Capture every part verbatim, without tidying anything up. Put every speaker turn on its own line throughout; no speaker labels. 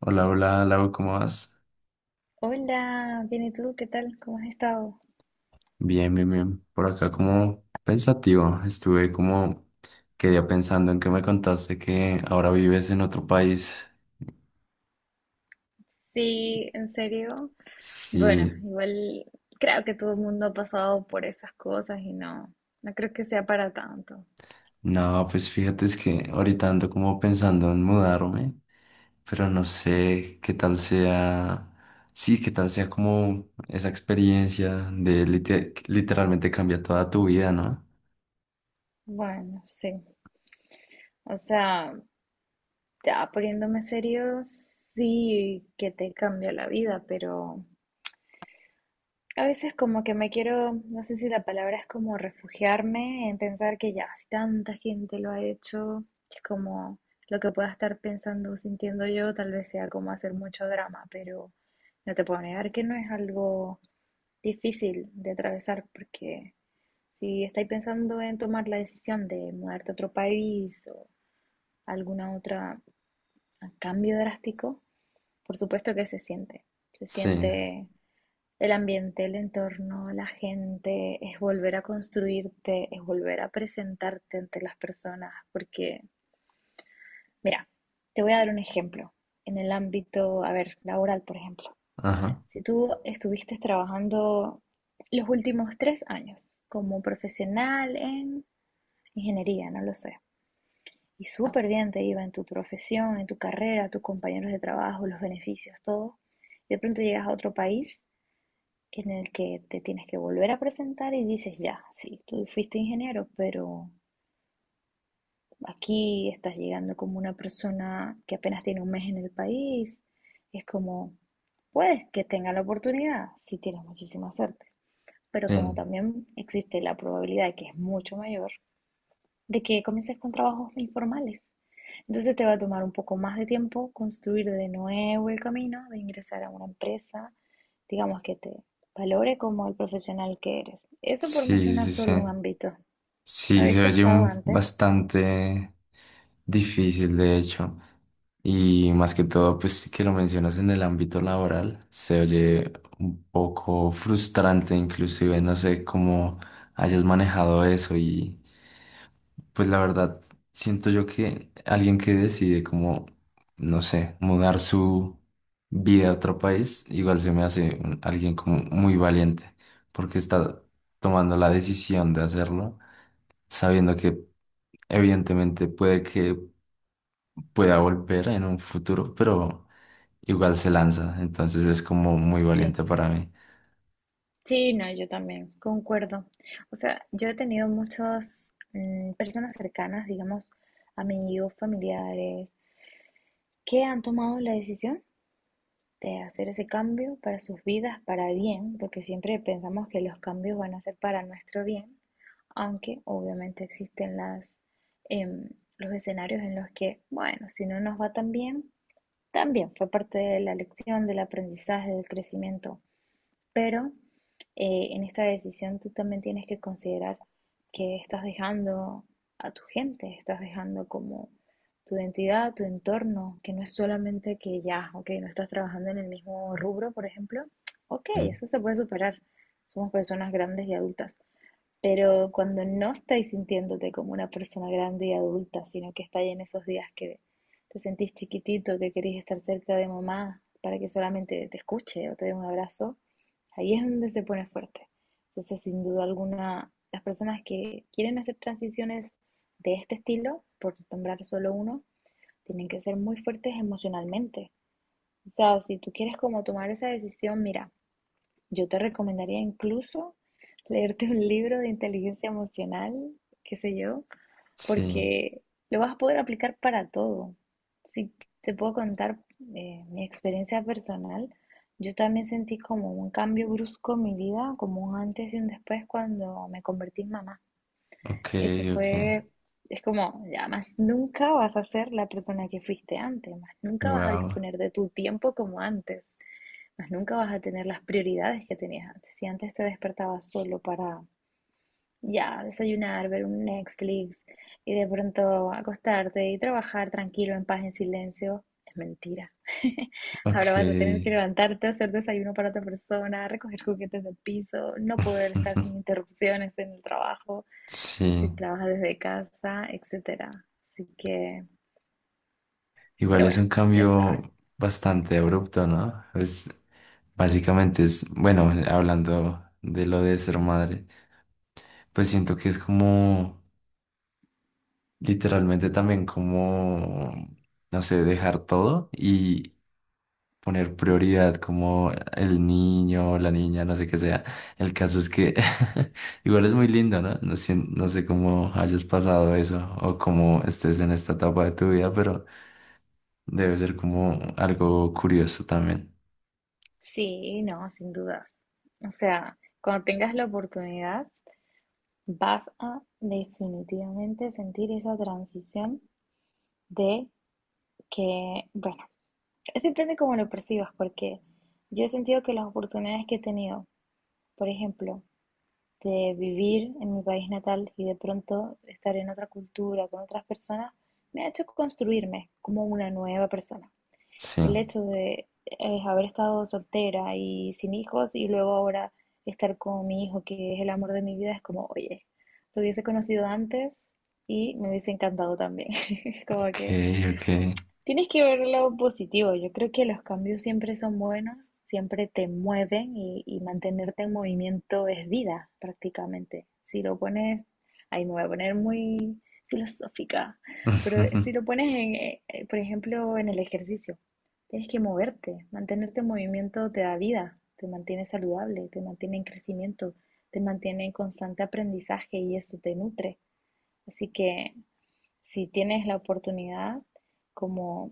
Hola, hola, Lau, ¿cómo vas?
Hola, bien, ¿y tú? ¿Qué tal? ¿Cómo has estado?
Bien, bien, bien. Por acá como pensativo, estuve como, quedé pensando en que me contaste que ahora vives en otro país.
Sí, en serio. Bueno,
Sí,
igual creo que todo el mundo ha pasado por esas cosas y no, no creo que sea para tanto.
no, pues fíjate es que ahorita ando como pensando en mudarme, pero no sé qué tal sea, sí, qué tal sea como esa experiencia de lite- literalmente cambia toda tu vida, ¿no?
Bueno, sí. O sea, ya poniéndome serio, sí que te cambia la vida, pero a veces como que me quiero, no sé si la palabra es como refugiarme en pensar que ya, si tanta gente lo ha hecho, es como lo que pueda estar pensando o sintiendo yo, tal vez sea como hacer mucho drama, pero no te puedo negar que no es algo difícil de atravesar, porque si estáis pensando en tomar la decisión de mudarte a otro país o alguna otra a cambio drástico, por supuesto que se siente, se
Sí,
siente el ambiente, el entorno, la gente, es volver a construirte, es volver a presentarte ante las personas, porque, mira, te voy a dar un ejemplo en el ámbito, a ver, laboral, por ejemplo.
ajá.
Si tú estuviste trabajando los últimos tres años como profesional en ingeniería, no lo sé, y súper bien te iba en tu profesión, en tu carrera, tus compañeros de trabajo, los beneficios, todo, de pronto llegas a otro país en el que te tienes que volver a presentar y dices, ya, sí, tú fuiste ingeniero, pero aquí estás llegando como una persona que apenas tiene un mes en el país. Es como, puedes que tenga la oportunidad si tienes muchísima suerte, pero
Sí,
como también existe la probabilidad que es mucho mayor de que comiences con trabajos informales. Entonces te va a tomar un poco más de tiempo construir de nuevo el camino de ingresar a una empresa, digamos, que te valore como el profesional que eres. Eso por
sí,
mencionar
sí, sí.
solo un ámbito. ¿Lo
Sí,
habéis
se oye
pensado
un
antes?
bastante difícil, de hecho. Y más que todo, pues sí que lo mencionas en el ámbito laboral, se oye un poco frustrante, inclusive no sé cómo hayas manejado eso y pues la verdad, siento yo que alguien que decide como, no sé, mudar su vida a otro país, igual se me hace un- alguien como muy valiente, porque está tomando la decisión de hacerlo, sabiendo que evidentemente puede que pueda volver en un futuro, pero igual se lanza, entonces es como muy
Sí,
valiente para mí.
sí, no, yo también, concuerdo. O sea, yo he tenido muchas mm, personas cercanas, digamos, amigos, familiares, que han tomado la decisión de hacer ese cambio para sus vidas, para bien, porque siempre pensamos que los cambios van a ser para nuestro bien, aunque obviamente existen las, em, los escenarios en los que, bueno, si no nos va tan bien, también fue parte de la lección, del aprendizaje, del crecimiento, pero eh, en esta decisión tú también tienes que considerar que estás dejando a tu gente, estás dejando como tu identidad, tu entorno, que no es solamente que ya, ok, no estás trabajando en el mismo rubro, por ejemplo, ok,
Ya.
eso se puede superar, somos personas grandes y adultas, pero cuando no estáis sintiéndote como una persona grande y adulta, sino que estáis en esos días que te sentís chiquitito, que querés estar cerca de mamá para que solamente te escuche o te dé un abrazo, ahí es donde se pone fuerte. Entonces, sin duda alguna, las personas que quieren hacer transiciones de este estilo, por nombrar solo uno, tienen que ser muy fuertes emocionalmente. O sea, si tú quieres como tomar esa decisión, mira, yo te recomendaría incluso leerte un libro de inteligencia emocional, qué sé yo,
Sí,
porque lo vas a poder aplicar para todo. Si te puedo contar eh, mi experiencia personal, yo también sentí como un cambio brusco en mi vida, como un antes y un después cuando me convertí en mamá.
ok,
Eso
ok,
fue, es como, ya más nunca vas a ser la persona que fuiste antes, más nunca vas a
wow,
disponer de tu tiempo como antes, pues nunca vas a tener las prioridades que tenías antes. Si antes te despertabas solo para ya desayunar, ver un Netflix y de pronto acostarte y trabajar tranquilo, en paz, en silencio, es mentira. Ahora vas a tener
ok.
que levantarte, hacer desayuno para otra persona, recoger juguetes del piso, no poder estar sin interrupciones en el trabajo,
Sí,
si trabajas desde casa, etcétera. Así que,
igual
pero
es
bueno,
un
ya
cambio
sabes.
bastante abrupto, ¿no? Pues básicamente es, bueno, hablando de lo de ser madre, pues siento que es como, literalmente también como, no sé, dejar todo y poner prioridad como el niño, la niña, no sé qué sea. El caso es que igual es muy lindo, ¿no? No sé, no sé cómo hayas pasado eso o cómo estés en esta etapa de tu vida, pero... Debe ser como algo curioso también.
Sí, no, sin dudas. O sea, cuando tengas la oportunidad, vas a definitivamente sentir esa transición de que, bueno, es depende cómo lo percibas, porque yo he sentido que las oportunidades que he tenido, por ejemplo, de vivir en mi país natal y de pronto estar en otra cultura, con otras personas, me ha hecho construirme como una nueva persona,
Sí,
el hecho de eh, haber estado soltera y sin hijos y luego ahora estar con mi hijo, que es el amor de mi vida, es como, oye, lo hubiese conocido antes y me hubiese encantado también. Como
ok,
que
ok.
tienes que ver lo positivo. Yo creo que los cambios siempre son buenos, siempre te mueven y, y mantenerte en movimiento es vida, prácticamente. Si lo pones, ahí me voy a poner muy filosófica, pero si
Ujú.
lo pones, en, eh, eh, por ejemplo, en el ejercicio, tienes que moverte. Mantenerte en movimiento te da vida, te mantiene saludable, te mantiene en crecimiento, te mantiene en constante aprendizaje y eso te nutre. Así que si tienes la oportunidad, como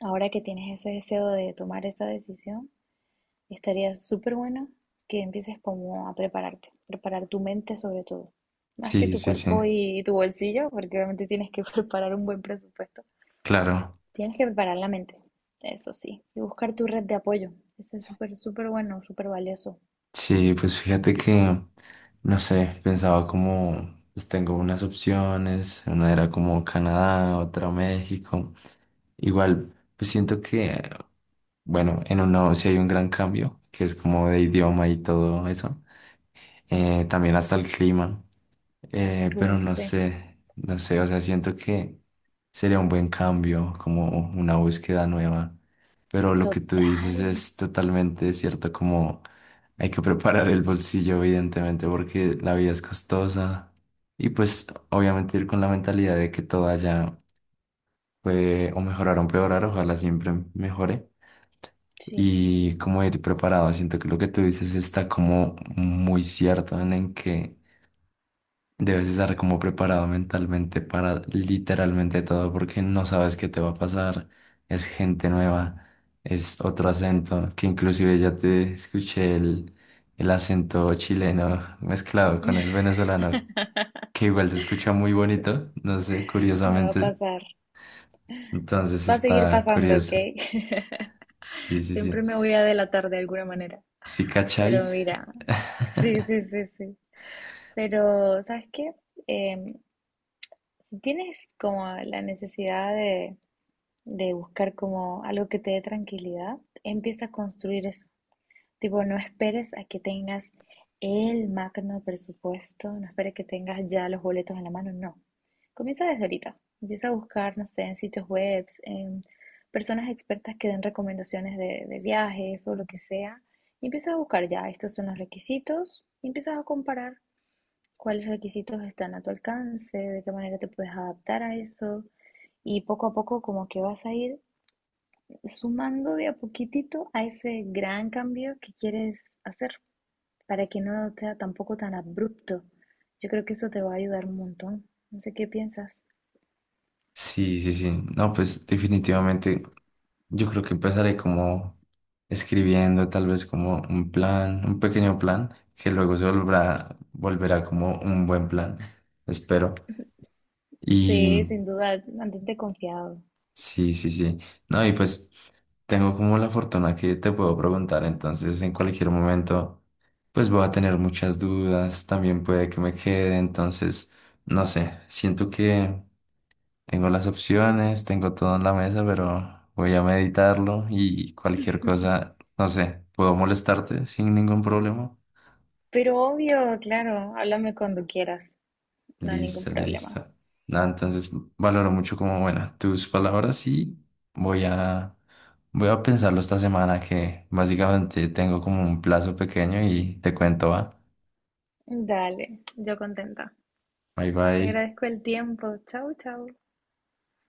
ahora que tienes ese deseo de tomar esa decisión, estaría súper bueno que empieces como a prepararte, preparar tu mente sobre todo, más que
Sí,
tu
sí, sí,
cuerpo y tu bolsillo, porque obviamente tienes que preparar un buen presupuesto.
claro.
Tienes que preparar la mente, eso sí, y buscar tu red de apoyo. Eso es súper, súper bueno, súper valioso.
Sí, pues fíjate que, no sé, pensaba como, pues tengo unas opciones, una era como Canadá, otra México. Igual, pues siento que, bueno, en uno sí hay un gran cambio, que es como de idioma y todo eso. Eh, también hasta el clima. Eh, pero
Uf,
no
sí,
sé, no sé, o sea, siento que sería un buen cambio, como una búsqueda nueva. Pero lo que tú dices
total,
es totalmente cierto, como hay que preparar el bolsillo, evidentemente, porque la vida es costosa. Y pues obviamente ir con la mentalidad de que todo allá puede o mejorar o empeorar, ojalá siempre mejore.
sí.
Y como ir preparado, siento que lo que tú dices está como muy cierto en en que debes estar como preparado mentalmente para literalmente todo porque no sabes qué te va a pasar. Es gente nueva, es otro acento, que inclusive ya te escuché el, el acento chileno mezclado con el venezolano, que igual se escucha muy
Sí,
bonito, no sé,
me va a
curiosamente.
pasar,
Entonces
va a seguir
está
pasando, ¿ok?
curioso. Sí, sí,
Siempre
sí.
me voy a delatar de alguna manera.
Sí, cachai.
Pero mira, sí, sí, sí, sí. Pero, ¿sabes qué? Em, si tienes como la necesidad de, de buscar como algo que te dé tranquilidad, empieza a construir eso. Tipo, no esperes a que tengas el magno presupuesto, no esperes que tengas ya los boletos en la mano, no. Comienza desde ahorita. Empieza a buscar, no sé, en sitios web, en personas expertas que den recomendaciones de, de viajes o lo que sea. Y empieza a buscar ya, estos son los requisitos, y empiezas a comparar cuáles requisitos están a tu alcance, de qué manera te puedes adaptar a eso. Y poco a poco como que vas a ir sumando de a poquitito a ese gran cambio que quieres hacer para que no sea tampoco tan abrupto. Yo creo que eso te va a ayudar un montón. No sé qué piensas.
Sí, sí, sí. No, pues definitivamente yo creo que empezaré como escribiendo tal vez como un plan, un pequeño plan, que luego se volverá, volverá como un buen plan, espero. Y
Sí, sin duda, mantente confiado.
sí, sí, sí. No, y pues tengo como la fortuna que te puedo preguntar, entonces en cualquier momento pues voy a tener muchas dudas, también puede que me quede, entonces no sé, siento que... Tengo las opciones, tengo todo en la mesa, pero voy a meditarlo y cualquier cosa, no sé, puedo molestarte sin ningún problema.
Pero obvio, claro, háblame cuando quieras, no hay ningún
Listo,
problema.
listo. Nada, entonces valoro mucho como, bueno, tus palabras y voy a, voy a pensarlo esta semana que básicamente tengo como un plazo pequeño y te cuento, va.
Dale, yo contenta.
Bye
Te
bye.
agradezco el tiempo. Chau, chau.